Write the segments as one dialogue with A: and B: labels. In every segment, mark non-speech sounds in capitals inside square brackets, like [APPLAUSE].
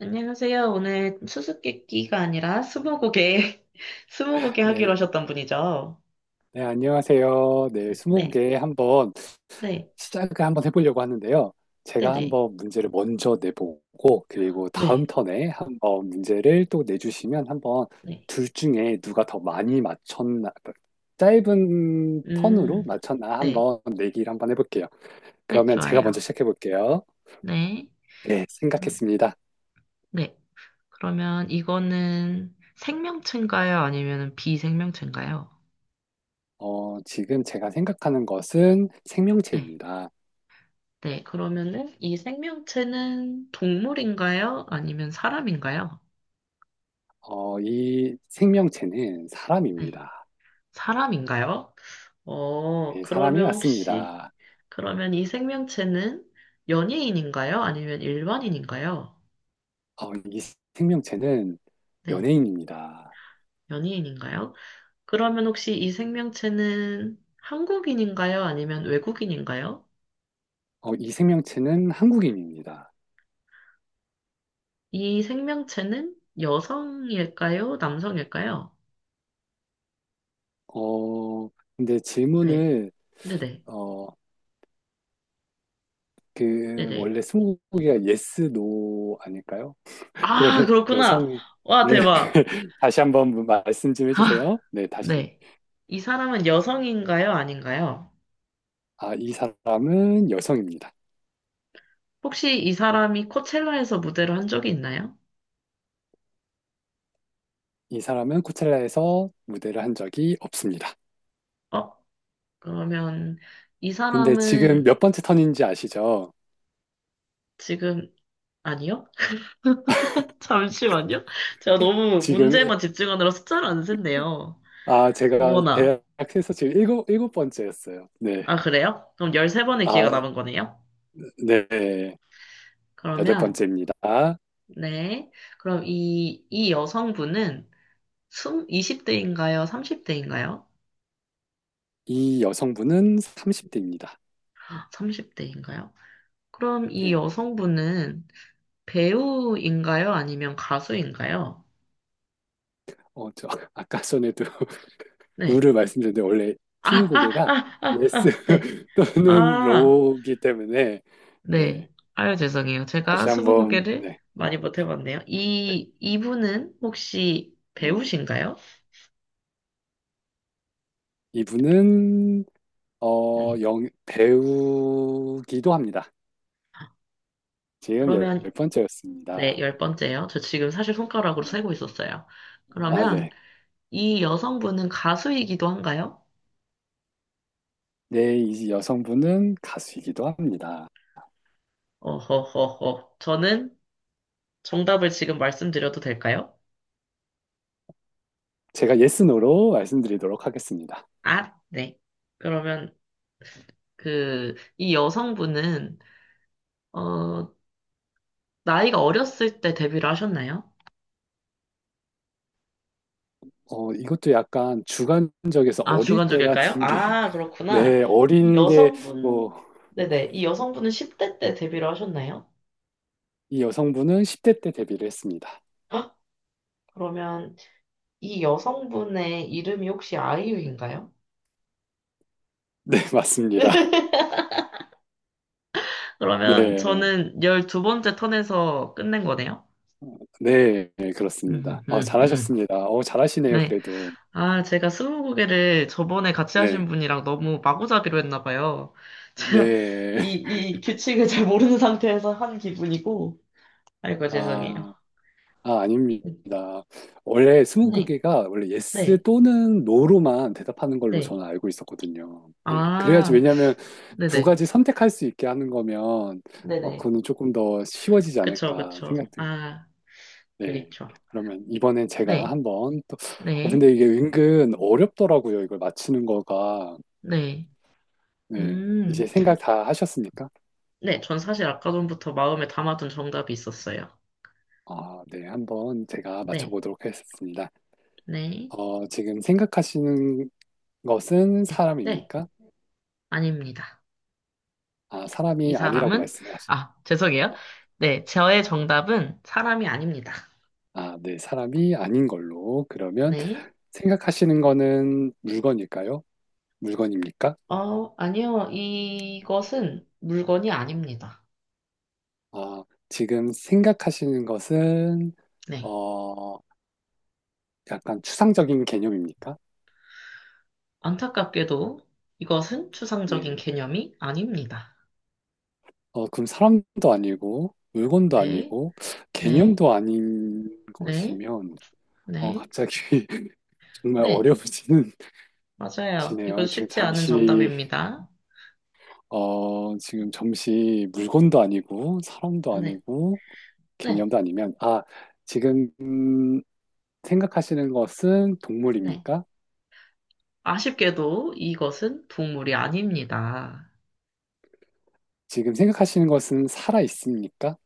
A: 안녕하세요. 오늘 수수께끼가 아니라 스무고개, [LAUGHS] 스무고개 하기로
B: 네,
A: 하셨던 분이죠?
B: 네, 안녕하세요. 네,
A: 네,
B: 스무고개 한번
A: 네,
B: 시작을 한번 해보려고 하는데요.
A: 네 네,
B: 제가
A: 네,
B: 한번 문제를 먼저 내보고, 그리고 다음
A: 네.
B: 턴에 한번 문제를 또 내주시면 한번
A: 네.
B: 둘 중에 누가 더 많이 맞췄나, 짧은 턴으로
A: 음,
B: 맞췄나
A: 네,
B: 한번 내기를 한번 해볼게요.
A: 네,
B: 그러면 제가
A: 좋아요.
B: 먼저 시작해볼게요.
A: 네,
B: 네,
A: 음,
B: 생각했습니다.
A: 네. 그러면 이거는 생명체인가요? 아니면 비생명체인가요?
B: 지금 제가 생각하는 것은
A: 네,
B: 생명체입니다.
A: 네. 그러면은 이 생명체는 동물인가요? 아니면 사람인가요?
B: 이 생명체는
A: 네.
B: 사람입니다.
A: 사람인가요?
B: 네, 사람이
A: 그러면 혹시,
B: 왔습니다.
A: 그러면 이 생명체는 연예인인가요? 아니면 일반인인가요?
B: 이 생명체는
A: 네,
B: 연예인입니다.
A: 연예인인가요? 그러면 혹시 이 생명체는 한국인인가요? 아니면 외국인인가요?
B: 이 생명체는 한국인입니다.
A: 이 생명체는 여성일까요? 남성일까요?
B: 어, 근데
A: 네,
B: 질문을,
A: 네네,
B: 어,
A: 네네.
B: 원래 스무고개가 yes, no 아닐까요? [LAUGHS]
A: 아,
B: 그러면
A: 그렇구나.
B: 여성이,
A: 와,
B: 네,
A: 대박.
B: [LAUGHS] 다시 한번 말씀 좀
A: 아,
B: 해주세요. 네, 다시.
A: 네. 이 사람은 여성인가요? 아닌가요?
B: 아, 이 사람은 여성입니다.
A: 혹시 이 사람이 코첼라에서 무대를 한 적이 있나요?
B: 이 사람은 코첼라에서 무대를 한 적이 없습니다.
A: 어, 그러면 이
B: 근데 지금
A: 사람은
B: 몇 번째 턴인지 아시죠?
A: 지금 아니요? [LAUGHS] 잠시만요. 제가 너무
B: 지금
A: 문제만 집중하느라 숫자를 안 셌네요.
B: 아, 제가
A: 어머나.
B: 대학에서 지금 일곱 번째였어요. 네.
A: 아, 그래요? 그럼 13번의
B: 아,
A: 기회가 남은 거네요?
B: 네. 여덟
A: 그러면,
B: 번째입니다.
A: 네. 그럼 이 여성분은 20대인가요? 30대인가요?
B: 이 여성분은 30대입니다.
A: 30대인가요? 그럼 이
B: 네.
A: 여성분은 배우인가요? 아니면 가수인가요?
B: 어, 저, [LAUGHS] 아까 전에도 [LAUGHS]
A: 네.
B: 룰을 말씀드렸는데, 원래
A: 아,
B: 스무고개가
A: 아, 아, 아,
B: 예스
A: 아, 네.
B: [LAUGHS] 또는
A: 아,
B: 로우기 때문에, 네.
A: 네. 아유, 죄송해요. 제가
B: 다시 한번,
A: 스무고개를
B: 네.
A: 많이 못 해봤네요. 이분은 혹시
B: 네.
A: 배우신가요?
B: 이분은,
A: 네.
B: 배우기도 합니다. 지금 열
A: 그러면, 네,
B: 번째였습니다.
A: 열 번째요. 저 지금 사실 손가락으로
B: 네.
A: 세고 있었어요.
B: 아,
A: 그러면
B: 네.
A: 이 여성분은 가수이기도 한가요?
B: 네, 이 여성분은 가수이기도 합니다.
A: 어허허허. 저는 정답을 지금 말씀드려도 될까요?
B: 제가 예스노로 말씀드리도록 하겠습니다.
A: 아, 네. 그러면 그, 이 여성분은, 어, 나이가 어렸을 때 데뷔를 하셨나요?
B: 이것도 약간 주관적에서
A: 아,
B: 어릴
A: 주관적일까요?
B: 때라는 게,
A: 아,
B: [LAUGHS]
A: 그렇구나.
B: 네,
A: 이
B: 어린 게, 뭐,
A: 여성분, 네네. 이 여성분은 10대 때 데뷔를 하셨나요?
B: 이 여성분은 10대 때 데뷔를 했습니다. [LAUGHS]
A: 헉, 그러면 이 여성분의 이름이 혹시 아이유인가요?
B: 네, 맞습니다.
A: [LAUGHS] 그러면
B: 네,
A: 저는 12번째 턴에서 끝낸 거네요.
B: 네, 네,
A: [LAUGHS]
B: 그렇습니다.
A: 음, 음, 음.
B: 잘하셨습니다. 잘하시네요,
A: 네.
B: 그래도.
A: 아, 제가 스무고개를 저번에 같이
B: 네,
A: 하신 분이랑 너무 마구잡이로 했나 봐요. [LAUGHS] 제가
B: 네.
A: 이 규칙을 잘 모르는 상태에서 한 기분이고. 아이고, 죄송해요.
B: 아, 아닙니다.
A: 네.
B: 원래 스무고개가 원래 예스
A: 네.
B: 또는 노로만 대답하는 걸로
A: 네.
B: 저는 알고 있었거든요. 네, 그래야지
A: 아,
B: 왜냐하면 두
A: 네네.
B: 가지 선택할 수 있게 하는 거면
A: 네네.
B: 그거는 조금 더 쉬워지지
A: 그쵸,
B: 않을까
A: 그쵸.
B: 생각돼요.
A: 아,
B: 네,
A: 그렇죠.
B: 그러면 이번엔 제가
A: 네,
B: 한번 또
A: 네,
B: 근데 이게 은근 어렵더라고요. 이걸 맞히는 거가.
A: 네.
B: 네,
A: 음,
B: 이제 생각 다 하셨습니까?
A: 네, 전 사실 아까 전부터 마음에 담아둔 정답이 있었어요.
B: 아, 네, 한번 제가
A: 네,
B: 맞춰보도록 하겠습니다.
A: 네,
B: 지금 생각하시는 것은
A: 네, 네.
B: 사람입니까?
A: 아닙니다.
B: 아,
A: 이
B: 사람이 아니라고
A: 사람은,
B: 말씀을 하시.
A: 아, 죄송해요. 네, 저의 정답은 사람이 아닙니다.
B: 아, 네, 사람이 아닌 걸로. 그러면
A: 네.
B: 생각하시는 거는 물건일까요? 물건입니까?
A: 아니요. 이것은 물건이 아닙니다.
B: 아, 지금 생각하시는 것은
A: 네.
B: 어, 약간 추상적인 개념입니까?
A: 안타깝게도 이것은
B: 네.
A: 추상적인 개념이 아닙니다.
B: 그럼 사람도 아니고 물건도
A: 네.
B: 아니고
A: 네,
B: 개념도 아닌
A: 네,
B: 것이면
A: 네,
B: 갑자기 [LAUGHS] 정말
A: 네,
B: 어려워지는
A: 맞아요. 이건
B: 지네요. 지금
A: 쉽지 않은
B: 잠시
A: 정답입니다.
B: 지금 잠시 물건도 아니고 사람도
A: 네,
B: 아니고
A: 네,
B: 개념도 아니면, 아, 지금 생각하시는 것은
A: 네.
B: 동물입니까?
A: 아쉽게도 이것은 동물이 아닙니다.
B: 지금 생각하시는 것은 살아 있습니까?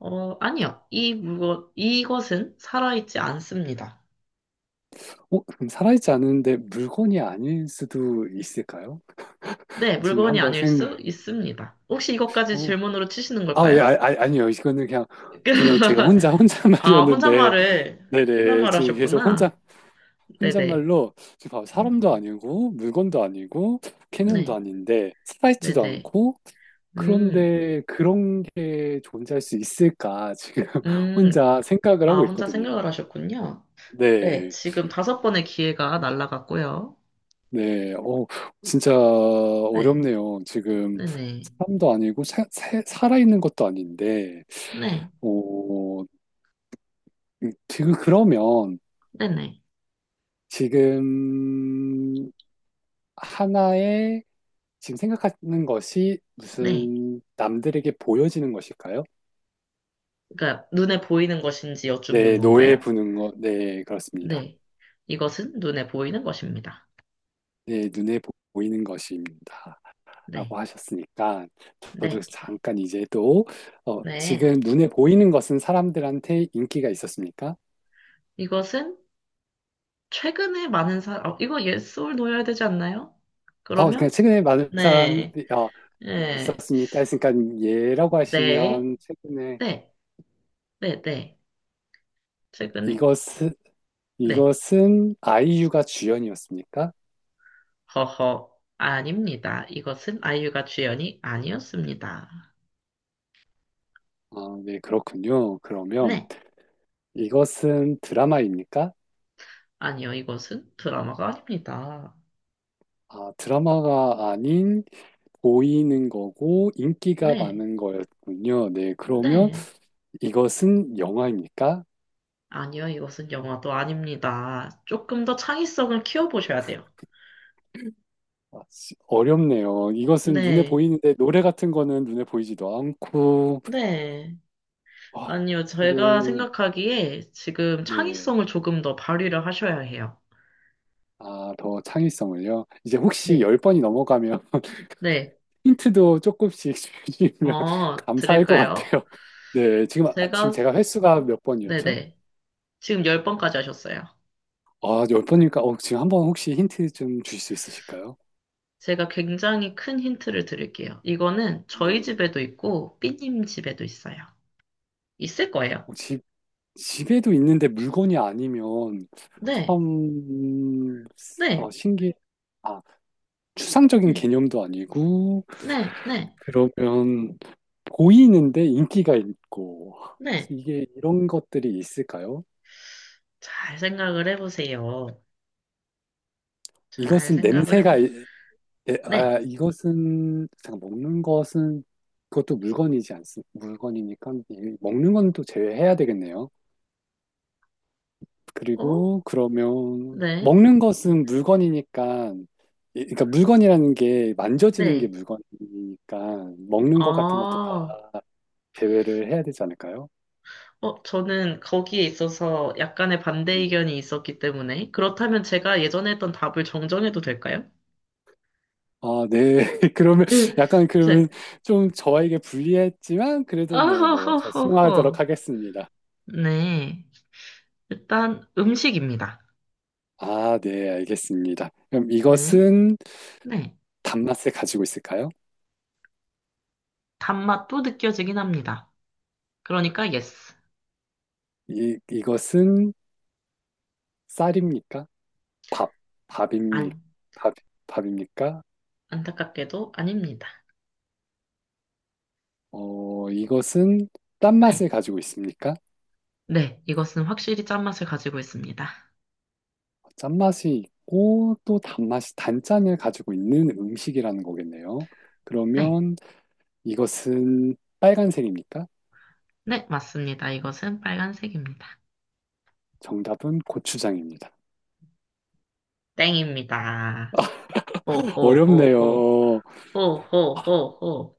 A: 아니요. 이 물건, 이것은 살아있지 않습니다.
B: 그럼 살아있지 않은데 물건이 아닐 수도 있을까요?
A: 네,
B: 지금
A: 물건이
B: 한번
A: 아닐
B: 생각,
A: 수 있습니다. 혹시 이것까지
B: 어,
A: 질문으로 치시는
B: 아, 예,
A: 걸까요?
B: 아니요. 이거는 그냥, 그냥 제가
A: [LAUGHS]
B: 혼자, 혼자 [LAUGHS]
A: 아,
B: 말이었는데,
A: 혼잣말을,
B: 네네.
A: 혼잣말
B: 지금 계속 혼자
A: 하셨구나. 네네.
B: 혼잣말로 지금 봐봐, 사람도
A: 음,
B: 아니고 물건도 아니고 개념도
A: 네,
B: 아닌데 살아있지도
A: 네네.
B: 않고
A: 음,
B: 그런데 그런 게 존재할 수 있을까 지금 [LAUGHS]
A: 음,
B: 혼자 생각을
A: 아,
B: 하고
A: 혼자
B: 있거든요.
A: 생각을 하셨군요. 네,
B: 네,
A: 지금 다섯 번의 기회가 날라갔고요.
B: 네, 진짜
A: 네,
B: 어렵네요. 지금
A: 네네,
B: 사람도 아니고 살아있는 것도 아닌데,
A: 네,
B: 어, 지금 그러면
A: 네네,
B: 지금 하나의 지금 생각하는 것이
A: 네.
B: 무슨 남들에게 보여지는 것일까요?
A: 그러니까 눈에 보이는 것인지 여쭙는
B: 네, 노에
A: 건가요?
B: 부는 것, 네, 그렇습니다.
A: 네, 이것은 눈에 보이는 것입니다.
B: 네, 보이는 것입니다.
A: 네,
B: 라고 하셨으니까, 저도
A: 네,
B: 잠깐 이제 또,
A: 네.
B: 지금 눈에 보이는 것은 사람들한테 인기가 있었습니까?
A: 이것은 최근에 많은 사람, 어, 이거 yes or no여야 되지 않나요?
B: 그냥
A: 그러면
B: 최근에 많은 사람,
A: 네,
B: 어,
A: 네,
B: 있었습니까? 했으니까, 예라고
A: 네,
B: 하시면, 최근에
A: 네, 네, 네. 최근에
B: 이것은,
A: 네,
B: 이것은 아이유가 주연이었습니까?
A: 허허, 아닙니다. 이것은 아이유가 주연이 아니었습니다.
B: 아, 네, 그렇군요. 그러면,
A: 네.
B: 이것은 드라마입니까?
A: 아니요, 이것은 드라마가 아닙니다.
B: 아, 드라마가 아닌 보이는 거고 인기가
A: 네.
B: 많은 거였군요. 네, 그러면
A: 네.
B: 이것은 영화입니까?
A: 아니요, 이것은 영화도 아닙니다. 조금 더 창의성을 키워보셔야 돼요.
B: 아, 씨, 어렵네요. 이것은 눈에
A: 네.
B: 보이는데 노래 같은 거는 눈에 보이지도 않고
A: 네.
B: 아,
A: 아니요, 제가
B: 지금
A: 생각하기에 지금
B: 네.
A: 창의성을 조금 더 발휘를 하셔야 해요.
B: 아, 더 창의성을요. 이제 혹시
A: 네.
B: 열번이 넘어가면
A: 네.
B: [LAUGHS] 힌트도 조금씩 [LAUGHS] 주시면 감사할 것
A: 들을까요?
B: 같아요. 네, 지금 아,
A: 제가,
B: 지금 제가 횟수가 몇 번이었죠?
A: 네네. 지금 10번까지 하셨어요.
B: 아, 열번이니까 지금 한번 혹시 힌트 좀 주실 수 있으실까요?
A: 제가 굉장히 큰 힌트를 드릴게요. 이거는 저희
B: 네.
A: 집에도 있고, 삐님 집에도 있어요. 있을 거예요.
B: 어, 집, 집에도 있는데 물건이 아니면
A: 네.
B: 참 어,
A: 네,
B: 신기, 아, 추상적인
A: 네,
B: 개념도 아니고,
A: 네, 네,
B: 그러면 보이는데 인기가 있고,
A: 네.
B: 이게 이런 것들이 있을까요?
A: 잘 생각을 해보세요. 잘
B: 이것은
A: 생각을
B: 냄새가,
A: 해보세요. 네,
B: 아, 이것은, 잠깐, 먹는 것은, 그것도 물건이지 않습니까? 물건이니까, 먹는 건 또 제외해야 되겠네요.
A: 어?
B: 그리고 그러면
A: 네,
B: 먹는 것은 물건이니까 그러니까 물건이라는 게 만져지는 게
A: 네.
B: 물건이니까 먹는
A: 아,
B: 것 같은 것도 다
A: 어,
B: 제외를 해야 되지 않을까요?
A: 저는 거기에 있어서 약간의 반대
B: 네.
A: 의견이 있었기 때문에. 그렇다면 제가 예전에 했던 답을 정정해도 될까요?
B: 아, 네. [LAUGHS] 그러면
A: [LAUGHS]
B: 약간
A: 네.
B: 그러면 좀 저에게 불리했지만 그래도 네, 뭐 저
A: 아허허허허.
B: 수용하도록 하겠습니다.
A: 네. 일단 음식입니다.
B: 아, 네, 알겠습니다. 그럼
A: 네,
B: 이것은
A: 네.
B: 단맛을 가지고 있을까요?
A: 단맛도 느껴지긴 합니다. 그러니까 yes.
B: 이 이것은 쌀입니까? 밥, 밥입니
A: 안,
B: 밥, 밥입니까?
A: 안타깝게도 아닙니다.
B: 이것은
A: 네.
B: 짠맛을 가지고 있습니까?
A: 네, 이것은 확실히 짠맛을 가지고 있습니다.
B: 짠맛이 있고 또 단맛이 단짠을 가지고 있는 음식이라는 거겠네요.
A: 네,
B: 그러면 이것은 빨간색입니까?
A: 네, 맞습니다. 이것은 빨간색입니다.
B: 정답은 고추장입니다.
A: 땡입니다.
B: [LAUGHS]
A: 호호호호,
B: 어렵네요.
A: 호호호호.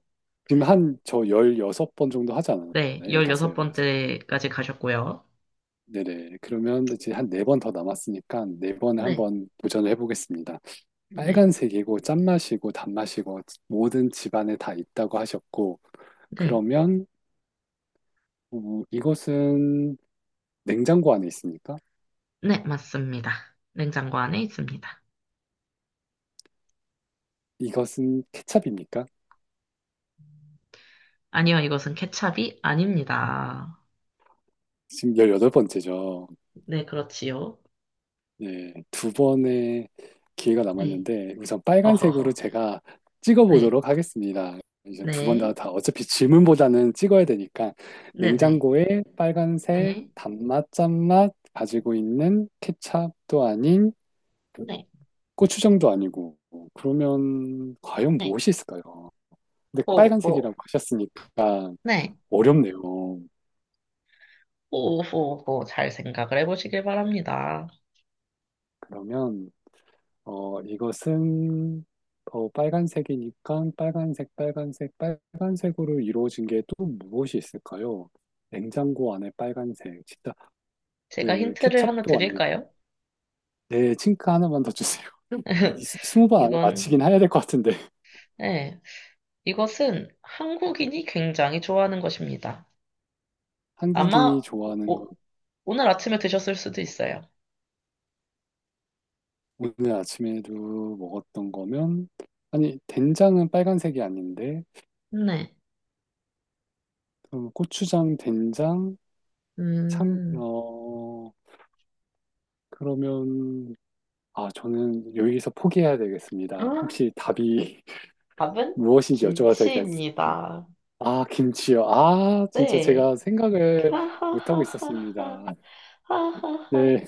B: 지금 한 저 16번 정도 하지 않았나요?
A: 네,
B: 15,
A: 열여섯 번
B: 16.
A: 째까지 가셨고요.
B: 네네. 그러면 이제 한 네 번 더 남았으니까 네 번에
A: 네,
B: 한번 도전을 해보겠습니다.
A: 네,
B: 빨간색이고 짠맛이고 단맛이고 모든 집안에 다 있다고 하셨고,
A: 네,
B: 그러면 이것은 냉장고 안에 있습니까?
A: 네, 맞습니다. 냉장고 안에 있습니다.
B: 이것은 케첩입니까?
A: 아니요, 이것은 케찹이 아닙니다.
B: 지금 18번째죠.
A: 네, 그렇지요.
B: 예, 두 번의 기회가
A: 네,
B: 남았는데 우선 빨간색으로
A: 허허허.
B: 제가
A: 네,
B: 찍어보도록 하겠습니다. 이제 두 번 다
A: 네,
B: 다 어차피 질문보다는 찍어야 되니까
A: 네네,
B: 냉장고에 빨간색
A: 네,
B: 단맛 짠맛 가지고 있는 케첩도 아닌
A: 네,
B: 고추장도 아니고 그러면 과연
A: 네,
B: 무엇이 있을까요? 근데
A: 호,
B: 빨간색이라고
A: 호.
B: 하셨으니까
A: 네. 호호.
B: 어렵네요.
A: 호호호 잘 생각을 해보시길 바랍니다.
B: 그러면 이것은 빨간색이니까 빨간색, 빨간색, 빨간색으로 이루어진 게 또 무엇이 있을까요? 냉장고 안에 빨간색, 진짜
A: 제가
B: 그
A: 힌트를 하나
B: 케첩도 아니고
A: 드릴까요?
B: 네, 칭크 하나만 더 주세요. [LAUGHS]
A: [LAUGHS]
B: 20번 안에 맞히
A: 이건,
B: 긴 해야 될 것 같은데 [LAUGHS]
A: 네, 이것은 한국인이 굉장히 좋아하는 것입니다.
B: 한국인이
A: 아마
B: 좋아하는 거
A: 오늘 아침에 드셨을 수도 있어요.
B: 오늘 아침에도 먹었던 거면 아니 된장은 빨간색이 아닌데
A: 네.
B: 그럼 고추장, 된장, 참,
A: 음.
B: 그러면 아, 저는 여기서 포기해야
A: 아,
B: 되겠습니다. 혹시 답이 [LAUGHS]
A: 답은
B: 무엇인지 여쭤봐도 될까요?
A: 김치입니다.
B: 아, 김치요. 아, 진짜
A: 네.
B: 제가 생각을 못하고
A: 하하하하하.
B: 있었습니다.
A: 하하하.
B: 네.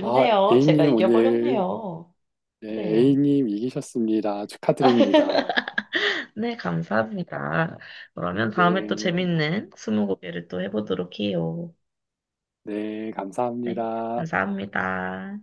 B: 아,
A: 제가
B: A님 오늘,
A: 이겨버렸네요.
B: 네,
A: 네.
B: A님 이기셨습니다.
A: [LAUGHS]
B: 축하드립니다.
A: 네, 감사합니다. 그러면
B: 네,
A: 다음에 또 재밌는 스무고개를 또 해보도록 해요.
B: 네,
A: 네,
B: 감사합니다.
A: 감사합니다.